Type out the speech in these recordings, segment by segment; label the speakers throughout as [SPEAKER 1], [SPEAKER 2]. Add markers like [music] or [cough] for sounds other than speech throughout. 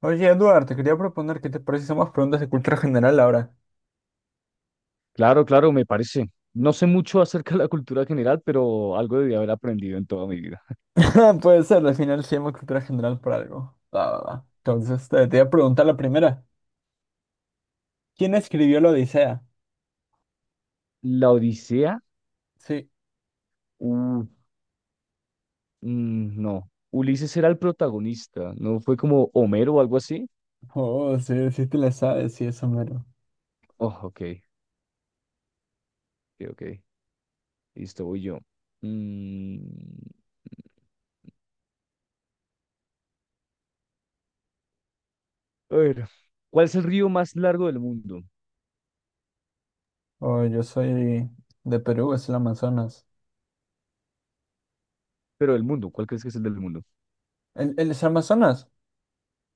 [SPEAKER 1] Oye, Eduardo, te quería proponer que te parece si hacemos preguntas de cultura general ahora.
[SPEAKER 2] Claro, claro, me parece. No sé mucho [laughs] acerca de la cultura general, pero algo debí haber aprendido en toda mi vida.
[SPEAKER 1] [laughs] Puede ser, al final se llama cultura general por algo. Va, va, va. Entonces, te voy a preguntar la primera. ¿Quién escribió la Odisea?
[SPEAKER 2] La Odisea,
[SPEAKER 1] Sí.
[SPEAKER 2] uh, mm, no. Ulises era el protagonista, ¿no? Fue como Homero o algo así.
[SPEAKER 1] Oh, sí, sí te la sabes, sí, eso mero.
[SPEAKER 2] Oh, ok, ok, ok. Listo, voy yo. Mm, a ver, ¿cuál es el río más largo del mundo?
[SPEAKER 1] Oh, yo soy de Perú, es el Amazonas.
[SPEAKER 2] Pero del mundo, ¿cuál crees que es el del mundo?
[SPEAKER 1] ¿El es Amazonas?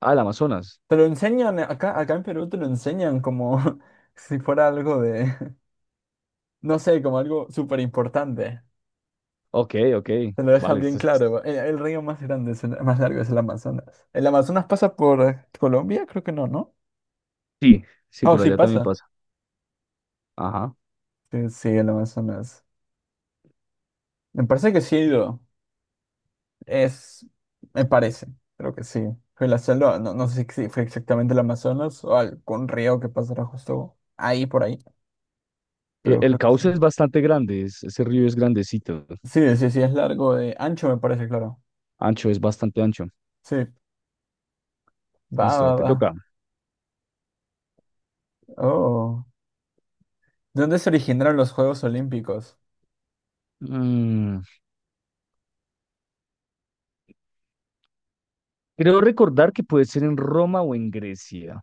[SPEAKER 2] Ah, el Amazonas.
[SPEAKER 1] Te lo enseñan, acá en Perú te lo enseñan como [laughs] si fuera algo de, [laughs] no sé, como algo súper importante.
[SPEAKER 2] Ok, ok.
[SPEAKER 1] Te lo dejan
[SPEAKER 2] Vale,
[SPEAKER 1] bien
[SPEAKER 2] esta
[SPEAKER 1] claro. El río más grande, más largo es el Amazonas. ¿El Amazonas pasa por Colombia? Creo que no, ¿no?
[SPEAKER 2] sí, sí,
[SPEAKER 1] Oh,
[SPEAKER 2] por
[SPEAKER 1] sí
[SPEAKER 2] allá también
[SPEAKER 1] pasa. No.
[SPEAKER 2] pasa. Ajá.
[SPEAKER 1] Sí, sí, el Amazonas. Me parece que sí he ido. Es, me parece. Creo que sí. Fue la selva. No, no sé si fue exactamente el Amazonas o algún río que pasará justo ahí por ahí. Pero
[SPEAKER 2] El
[SPEAKER 1] creo que sí.
[SPEAKER 2] cauce es bastante grande, ese río es grandecito.
[SPEAKER 1] Sí, sí, sí, es largo de ancho, me parece, claro.
[SPEAKER 2] Ancho, es bastante ancho.
[SPEAKER 1] Sí. Va,
[SPEAKER 2] Listo,
[SPEAKER 1] va,
[SPEAKER 2] te
[SPEAKER 1] va.
[SPEAKER 2] toca.
[SPEAKER 1] Oh. ¿De dónde se originaron los Juegos Olímpicos?
[SPEAKER 2] Mm, creo recordar que puede ser en Roma o en Grecia.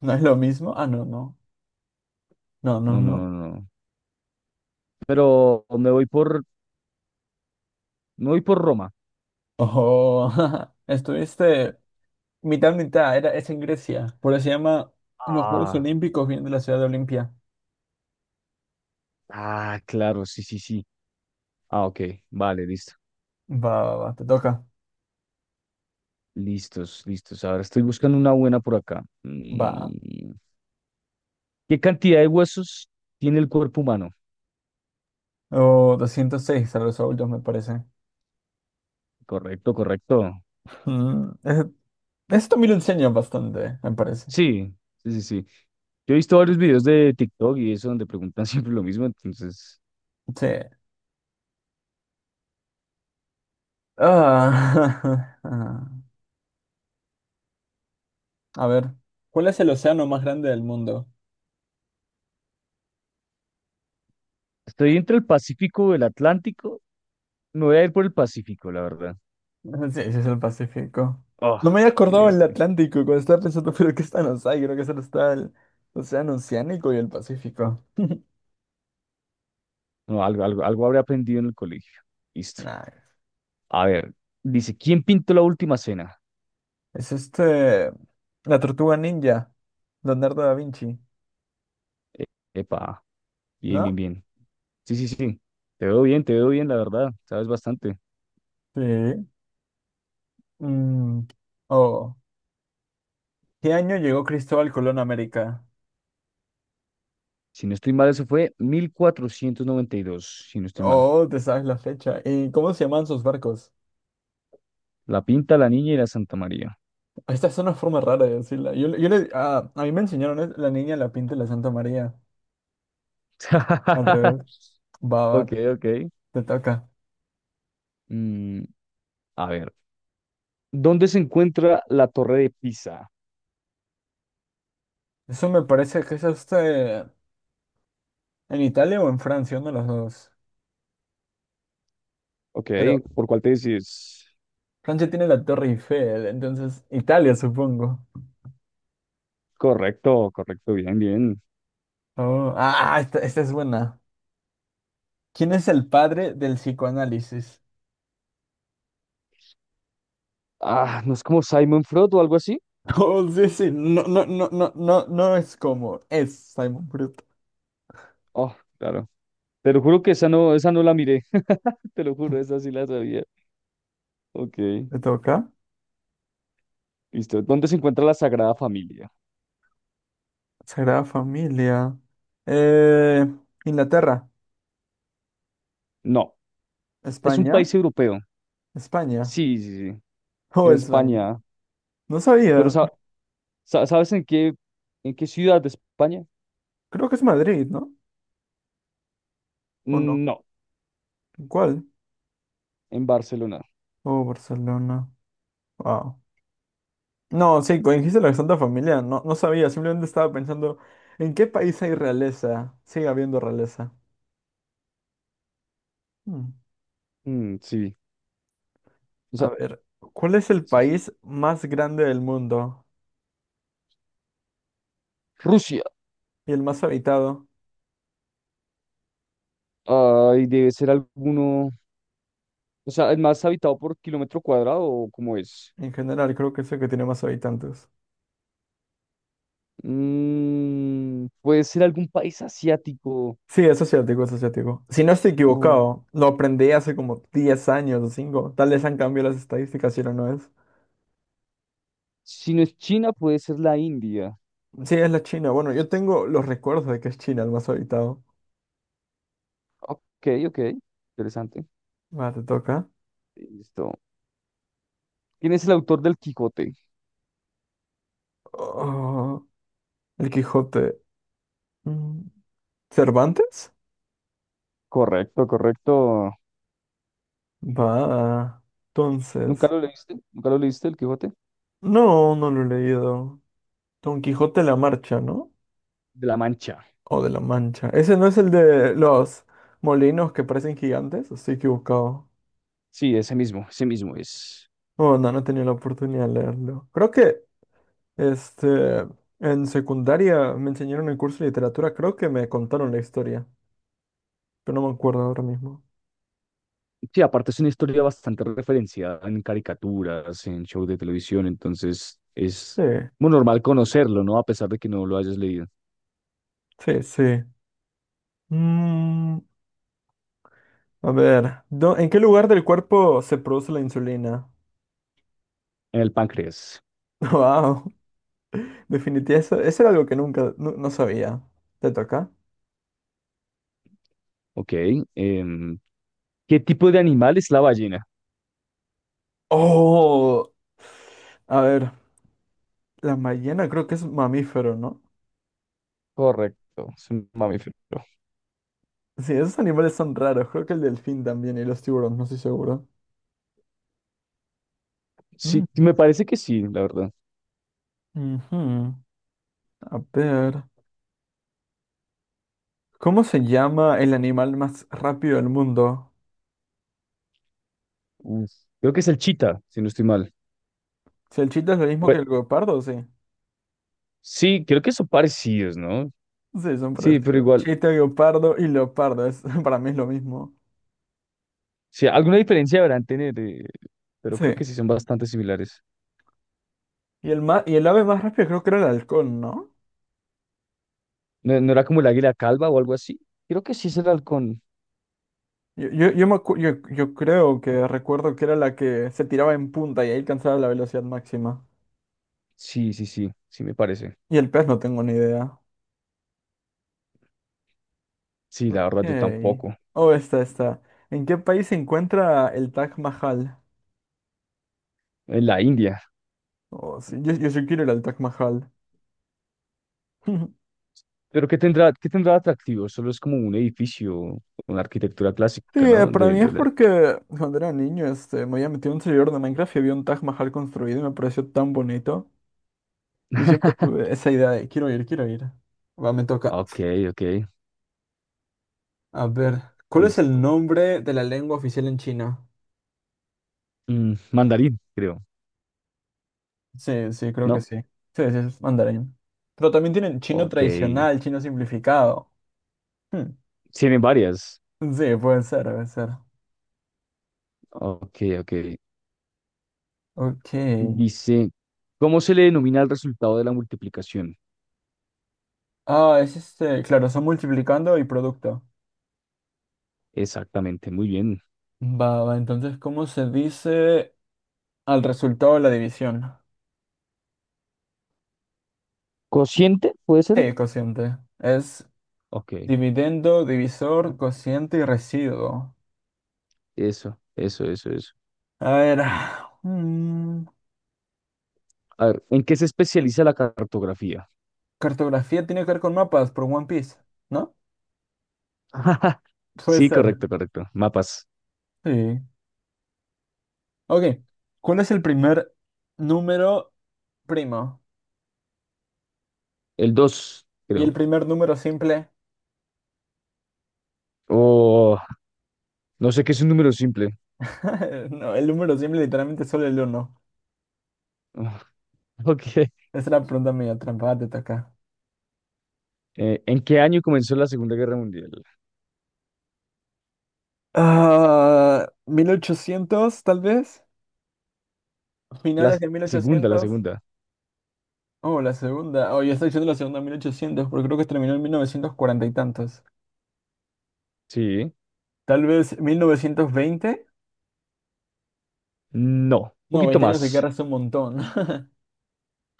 [SPEAKER 1] ¿No es lo mismo? Ah, no, no. No, no,
[SPEAKER 2] No, no,
[SPEAKER 1] no.
[SPEAKER 2] no, no, no. Pero me voy por Roma.
[SPEAKER 1] Oh, [laughs] estuviste mitad mitad, era, es en Grecia, por eso se llama los Juegos
[SPEAKER 2] Ah,
[SPEAKER 1] Olímpicos, vienen de la ciudad de Olimpia.
[SPEAKER 2] ah, claro, sí, sí, sí. Ah, ok, vale, listo.
[SPEAKER 1] Va, va, va, te toca.
[SPEAKER 2] Listos, listos. Ahora estoy buscando una buena por acá.
[SPEAKER 1] Va.
[SPEAKER 2] ¿Qué cantidad de huesos tiene el cuerpo humano?
[SPEAKER 1] O 206 a los adultos, me parece.
[SPEAKER 2] Correcto, correcto.
[SPEAKER 1] Mm, ese- esto me lo enseña bastante, me parece.
[SPEAKER 2] Sí, sí, sí, sí. Yo he visto varios videos de TikTok y eso donde preguntan [laughs] siempre lo mismo, entonces.
[SPEAKER 1] Sí. Ah, [laughs] ah. A ver, ¿cuál es el océano más grande del mundo?
[SPEAKER 2] Estoy entre el Pacífico o el Atlántico. Me voy a ir por el Pacífico, la verdad.
[SPEAKER 1] [laughs] Sí, ese es el Pacífico.
[SPEAKER 2] Oh,
[SPEAKER 1] No me había
[SPEAKER 2] qué
[SPEAKER 1] acordado
[SPEAKER 2] bien,
[SPEAKER 1] del
[SPEAKER 2] qué bien.
[SPEAKER 1] Atlántico cuando estaba pensando, [laughs] pero ¿qué están los hay? Creo que solo está el Océano Oceánico y el Pacífico. [laughs]
[SPEAKER 2] No, algo, algo, algo habré aprendido en el colegio. Listo.
[SPEAKER 1] Nah,
[SPEAKER 2] A ver, dice, ¿quién pintó la última cena?
[SPEAKER 1] es este. La Tortuga Ninja. Leonardo da Vinci.
[SPEAKER 2] E- Epa, bien, bien,
[SPEAKER 1] ¿No?
[SPEAKER 2] bien. Sí, sí, sí. Te veo bien, la verdad. Sabes bastante.
[SPEAKER 1] Sí. Mm. Oh. ¿Qué año llegó Cristóbal Colón a América?
[SPEAKER 2] Si no estoy mal, eso fue 1492, si no estoy mal.
[SPEAKER 1] Oh, te sabes la fecha. ¿Y cómo se llaman sus barcos?
[SPEAKER 2] La pinta la niña y la Santa María.
[SPEAKER 1] Esta es una forma rara de decirla. A mí me enseñaron es la niña, la pinta y la Santa María. Al
[SPEAKER 2] [laughs]
[SPEAKER 1] revés. Va, va,
[SPEAKER 2] Ok,
[SPEAKER 1] te,
[SPEAKER 2] ok.
[SPEAKER 1] te toca.
[SPEAKER 2] Mm, a ver, ¿dónde se encuentra la Torre de Pisa?
[SPEAKER 1] Eso me parece que es en Italia o en Francia, uno de los dos.
[SPEAKER 2] Ok,
[SPEAKER 1] Pero
[SPEAKER 2] ¿por cuál te decís?
[SPEAKER 1] Francia tiene la Torre Eiffel, entonces Italia, supongo.
[SPEAKER 2] Correcto, correcto, bien, bien.
[SPEAKER 1] Oh, ah, esta es buena. ¿Quién es el padre del psicoanálisis? [laughs]
[SPEAKER 2] Ah, ¿no es como Simon Freud o algo así?
[SPEAKER 1] Oh, sí, sí, no, no, no, no, no, no es como, es Simon Bruto.
[SPEAKER 2] Oh, claro. Te lo juro que esa no la miré. [laughs] Te lo juro, esa sí la sabía. Ok,
[SPEAKER 1] ¿Le toca?
[SPEAKER 2] listo. ¿Dónde se encuentra la Sagrada Familia?
[SPEAKER 1] Sagrada Familia. Eh, Inglaterra.
[SPEAKER 2] No, es un
[SPEAKER 1] España.
[SPEAKER 2] país europeo.
[SPEAKER 1] España.
[SPEAKER 2] Sí, sí, sí. En
[SPEAKER 1] Oh, España.
[SPEAKER 2] España.
[SPEAKER 1] No
[SPEAKER 2] Pero
[SPEAKER 1] sabía.
[SPEAKER 2] ¿sabes en qué ciudad de España?
[SPEAKER 1] Creo que es Madrid, ¿no? ¿O no?
[SPEAKER 2] Mm, no,
[SPEAKER 1] ¿Cuál?
[SPEAKER 2] en Barcelona.
[SPEAKER 1] Oh, Barcelona. Wow. No, sí, cuando dijiste la Santa Familia, no, no sabía, simplemente estaba pensando, ¿en qué país hay realeza? Sigue habiendo realeza. Hmm.
[SPEAKER 2] Mm, sí. O
[SPEAKER 1] A
[SPEAKER 2] sea,
[SPEAKER 1] ver, ¿cuál es el
[SPEAKER 2] sí,
[SPEAKER 1] país más grande del mundo
[SPEAKER 2] Rusia.
[SPEAKER 1] y el más habitado?
[SPEAKER 2] Ay, debe ser alguno. O sea, ¿el más habitado por kilómetro cuadrado o cómo es?
[SPEAKER 1] En general, creo que es el que tiene más habitantes.
[SPEAKER 2] Puede ser algún país asiático.
[SPEAKER 1] Sí, es asiático, es asiático. Si no estoy
[SPEAKER 2] Uh,
[SPEAKER 1] equivocado, lo aprendí hace como 10 años o 5. Tal vez han cambiado las estadísticas si no, no es.
[SPEAKER 2] si no es China, puede ser la India.
[SPEAKER 1] Sí, es la China. Bueno, yo tengo los recuerdos de que es China el más habitado.
[SPEAKER 2] Ok, ok. Interesante.
[SPEAKER 1] Va, te toca.
[SPEAKER 2] Listo. ¿Quién es el autor del Quijote?
[SPEAKER 1] Oh, el Quijote. Mm, ¿Cervantes?
[SPEAKER 2] Correcto, correcto.
[SPEAKER 1] Va.
[SPEAKER 2] ¿Nunca
[SPEAKER 1] Entonces.
[SPEAKER 2] lo leíste? ¿Nunca lo leíste, el Quijote?
[SPEAKER 1] No, no lo he leído. Don Quijote de la Marcha, ¿no?
[SPEAKER 2] De la Mancha.
[SPEAKER 1] O de la Mancha. Ese no es el de los molinos que parecen gigantes. Estoy equivocado.
[SPEAKER 2] Sí, ese mismo es.
[SPEAKER 1] Oh, no, no he tenido la oportunidad de leerlo. Creo que, este, en secundaria me enseñaron el curso de literatura. Creo que me contaron la historia, pero no me acuerdo ahora mismo.
[SPEAKER 2] Sí, aparte es una historia bastante referenciada en caricaturas, en shows de televisión, entonces es
[SPEAKER 1] Sí,
[SPEAKER 2] muy normal conocerlo, ¿no? A pesar de que no lo hayas leído.
[SPEAKER 1] sí, sí. Mm, a ver, ¿en qué lugar del cuerpo se produce la insulina?
[SPEAKER 2] En el páncreas,
[SPEAKER 1] [laughs] Wow, definitivamente eso era algo que nunca, no, no sabía. ¿Te toca?
[SPEAKER 2] ok. em, ¿qué tipo de animal es la ballena?
[SPEAKER 1] Oh, a ver, la ballena creo que es mamífero, ¿no?
[SPEAKER 2] Correcto, es un mamífero.
[SPEAKER 1] Sí, esos animales son raros, creo que el delfín también y los tiburones, no estoy seguro.
[SPEAKER 2] Sí,
[SPEAKER 1] Mm,
[SPEAKER 2] me parece que sí, la verdad.
[SPEAKER 1] ujú. A ver, ¿cómo se llama el animal más rápido del mundo?
[SPEAKER 2] Uf, creo que es el chita, si no estoy mal.
[SPEAKER 1] Si el chita es lo mismo que
[SPEAKER 2] Bueno,
[SPEAKER 1] el guepardo, sí.
[SPEAKER 2] sí, creo que son parecidos, ¿no?
[SPEAKER 1] Sí, son
[SPEAKER 2] Sí, pero
[SPEAKER 1] parecidos.
[SPEAKER 2] igual,
[SPEAKER 1] Chita, guepardo y leopardo, es, [laughs] para mí es lo mismo.
[SPEAKER 2] sí, alguna diferencia deberán tener, pero creo que
[SPEAKER 1] Sí.
[SPEAKER 2] sí son bastante similares.
[SPEAKER 1] Y el ave más rápida creo que era el halcón, ¿no?
[SPEAKER 2] ¿No, no era como el águila calva o algo así? Creo que sí es el halcón.
[SPEAKER 1] Yo me acu- yo- yo creo que recuerdo que era la que se tiraba en punta y ahí alcanzaba la velocidad máxima.
[SPEAKER 2] Sí, sí, sí, sí me parece.
[SPEAKER 1] Y el pez no tengo ni idea.
[SPEAKER 2] Sí, la verdad yo
[SPEAKER 1] Ok.
[SPEAKER 2] tampoco.
[SPEAKER 1] Oh, esta. ¿En qué país se encuentra el Taj Mahal?
[SPEAKER 2] En la India.
[SPEAKER 1] Oh, sí, yo sí quiero ir al Taj Mahal. [laughs]
[SPEAKER 2] Pero qué tendrá de atractivo? Solo es como un edificio con arquitectura
[SPEAKER 1] Sí,
[SPEAKER 2] clásica, ¿no?
[SPEAKER 1] para
[SPEAKER 2] De,
[SPEAKER 1] mí es
[SPEAKER 2] de la...
[SPEAKER 1] porque cuando era niño me había metido en un servidor de Minecraft y había un Taj Mahal construido y me pareció tan bonito. Y siempre tuve esa idea de quiero ir, quiero ir. Va, me toca.
[SPEAKER 2] Ok, ok,
[SPEAKER 1] A ver, ¿cuál es el
[SPEAKER 2] listo.
[SPEAKER 1] nombre de la lengua oficial en China?
[SPEAKER 2] Mandarín, creo,
[SPEAKER 1] Sí, sí, creo que
[SPEAKER 2] ¿no?
[SPEAKER 1] sí. Sí, sí, es mandarín. Pero también tienen chino
[SPEAKER 2] Ok.
[SPEAKER 1] tradicional, chino simplificado. Hmm.
[SPEAKER 2] Tienen varias.
[SPEAKER 1] Sí, puede ser, puede ser.
[SPEAKER 2] Ok, ok.
[SPEAKER 1] Ok.
[SPEAKER 2] Dice, ¿cómo se le denomina el resultado de la multiplicación?
[SPEAKER 1] Ah, es este. Claro, son multiplicando y producto.
[SPEAKER 2] Exactamente, muy bien.
[SPEAKER 1] Va, va, entonces, ¿cómo se dice al resultado de la división?
[SPEAKER 2] ¿Cociente puede ser?
[SPEAKER 1] Sí, cociente. Es
[SPEAKER 2] Ok,
[SPEAKER 1] dividendo, divisor, cociente y residuo.
[SPEAKER 2] eso, eso, eso, eso.
[SPEAKER 1] A ver. [sighs] mm,
[SPEAKER 2] A ver, ¿en qué se especializa la cartografía?
[SPEAKER 1] Cartografía tiene que ver con mapas por One Piece, ¿no?
[SPEAKER 2] [laughs]
[SPEAKER 1] Puede
[SPEAKER 2] Sí,
[SPEAKER 1] ser.
[SPEAKER 2] correcto, correcto. Mapas.
[SPEAKER 1] Sí. Ok, ¿cuál es el primer número primo?
[SPEAKER 2] El 2,
[SPEAKER 1] Y el
[SPEAKER 2] creo.
[SPEAKER 1] primer número simple.
[SPEAKER 2] O no sé qué es un número simple.
[SPEAKER 1] [laughs] No, el número simple literalmente es solo el uno.
[SPEAKER 2] [laughs] Ah, ok.
[SPEAKER 1] Esa era la pregunta medio trampa, te toca.
[SPEAKER 2] ¿En qué año comenzó la Segunda Guerra Mundial?
[SPEAKER 1] Ah, 1800 tal vez.
[SPEAKER 2] La
[SPEAKER 1] Finales de mil
[SPEAKER 2] segunda, la
[SPEAKER 1] ochocientos.
[SPEAKER 2] segunda.
[SPEAKER 1] Oh, la segunda. Oh, yo estoy diciendo la segunda 1800, porque creo que terminó en 1940 y tantos.
[SPEAKER 2] Sí.
[SPEAKER 1] Tal vez 1920.
[SPEAKER 2] No. Un
[SPEAKER 1] No,
[SPEAKER 2] poquito
[SPEAKER 1] 20 años de
[SPEAKER 2] más.
[SPEAKER 1] guerra es un montón. [laughs]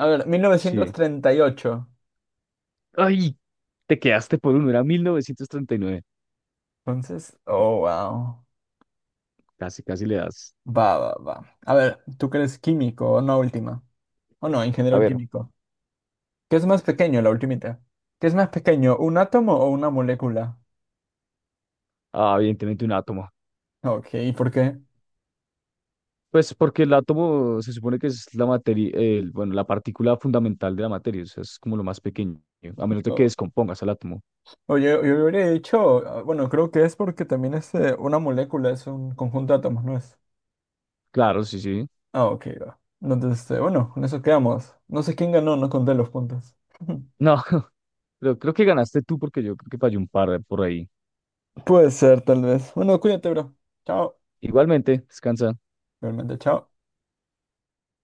[SPEAKER 1] A ver, mil novecientos
[SPEAKER 2] Sí.
[SPEAKER 1] treinta y ocho.
[SPEAKER 2] Ay, te quedaste por uno. Era 1939.
[SPEAKER 1] Entonces, oh, wow.
[SPEAKER 2] Casi, casi le das.
[SPEAKER 1] Va, va, va. A ver, ¿tú crees químico o no última? O no,
[SPEAKER 2] A
[SPEAKER 1] ingeniero
[SPEAKER 2] ver.
[SPEAKER 1] químico. ¿Qué es más pequeño, la ultimita? ¿Qué es más pequeño, un átomo o una molécula?
[SPEAKER 2] Ah, evidentemente un átomo.
[SPEAKER 1] Ok, ¿y por qué?
[SPEAKER 2] Pues porque el átomo se supone que es la materia, bueno, la partícula fundamental de la materia, o sea, es como lo más pequeño, a menos de que
[SPEAKER 1] O-
[SPEAKER 2] descompongas el átomo.
[SPEAKER 1] Oye, yo hubiera dicho, ah, bueno, creo que es porque también una molécula es un conjunto de átomos, ¿no es?
[SPEAKER 2] Claro, sí, sí.
[SPEAKER 1] Ah, ok, va. No, entonces, bueno, con eso quedamos. No sé quién ganó, no conté los puntos. [laughs]
[SPEAKER 2] No, [laughs] pero creo que ganaste tú porque yo creo que fallé un par por ahí.
[SPEAKER 1] Puede ser, tal vez. Bueno, cuídate, bro. Chao.
[SPEAKER 2] Igualmente, descansa.
[SPEAKER 1] Realmente, chao.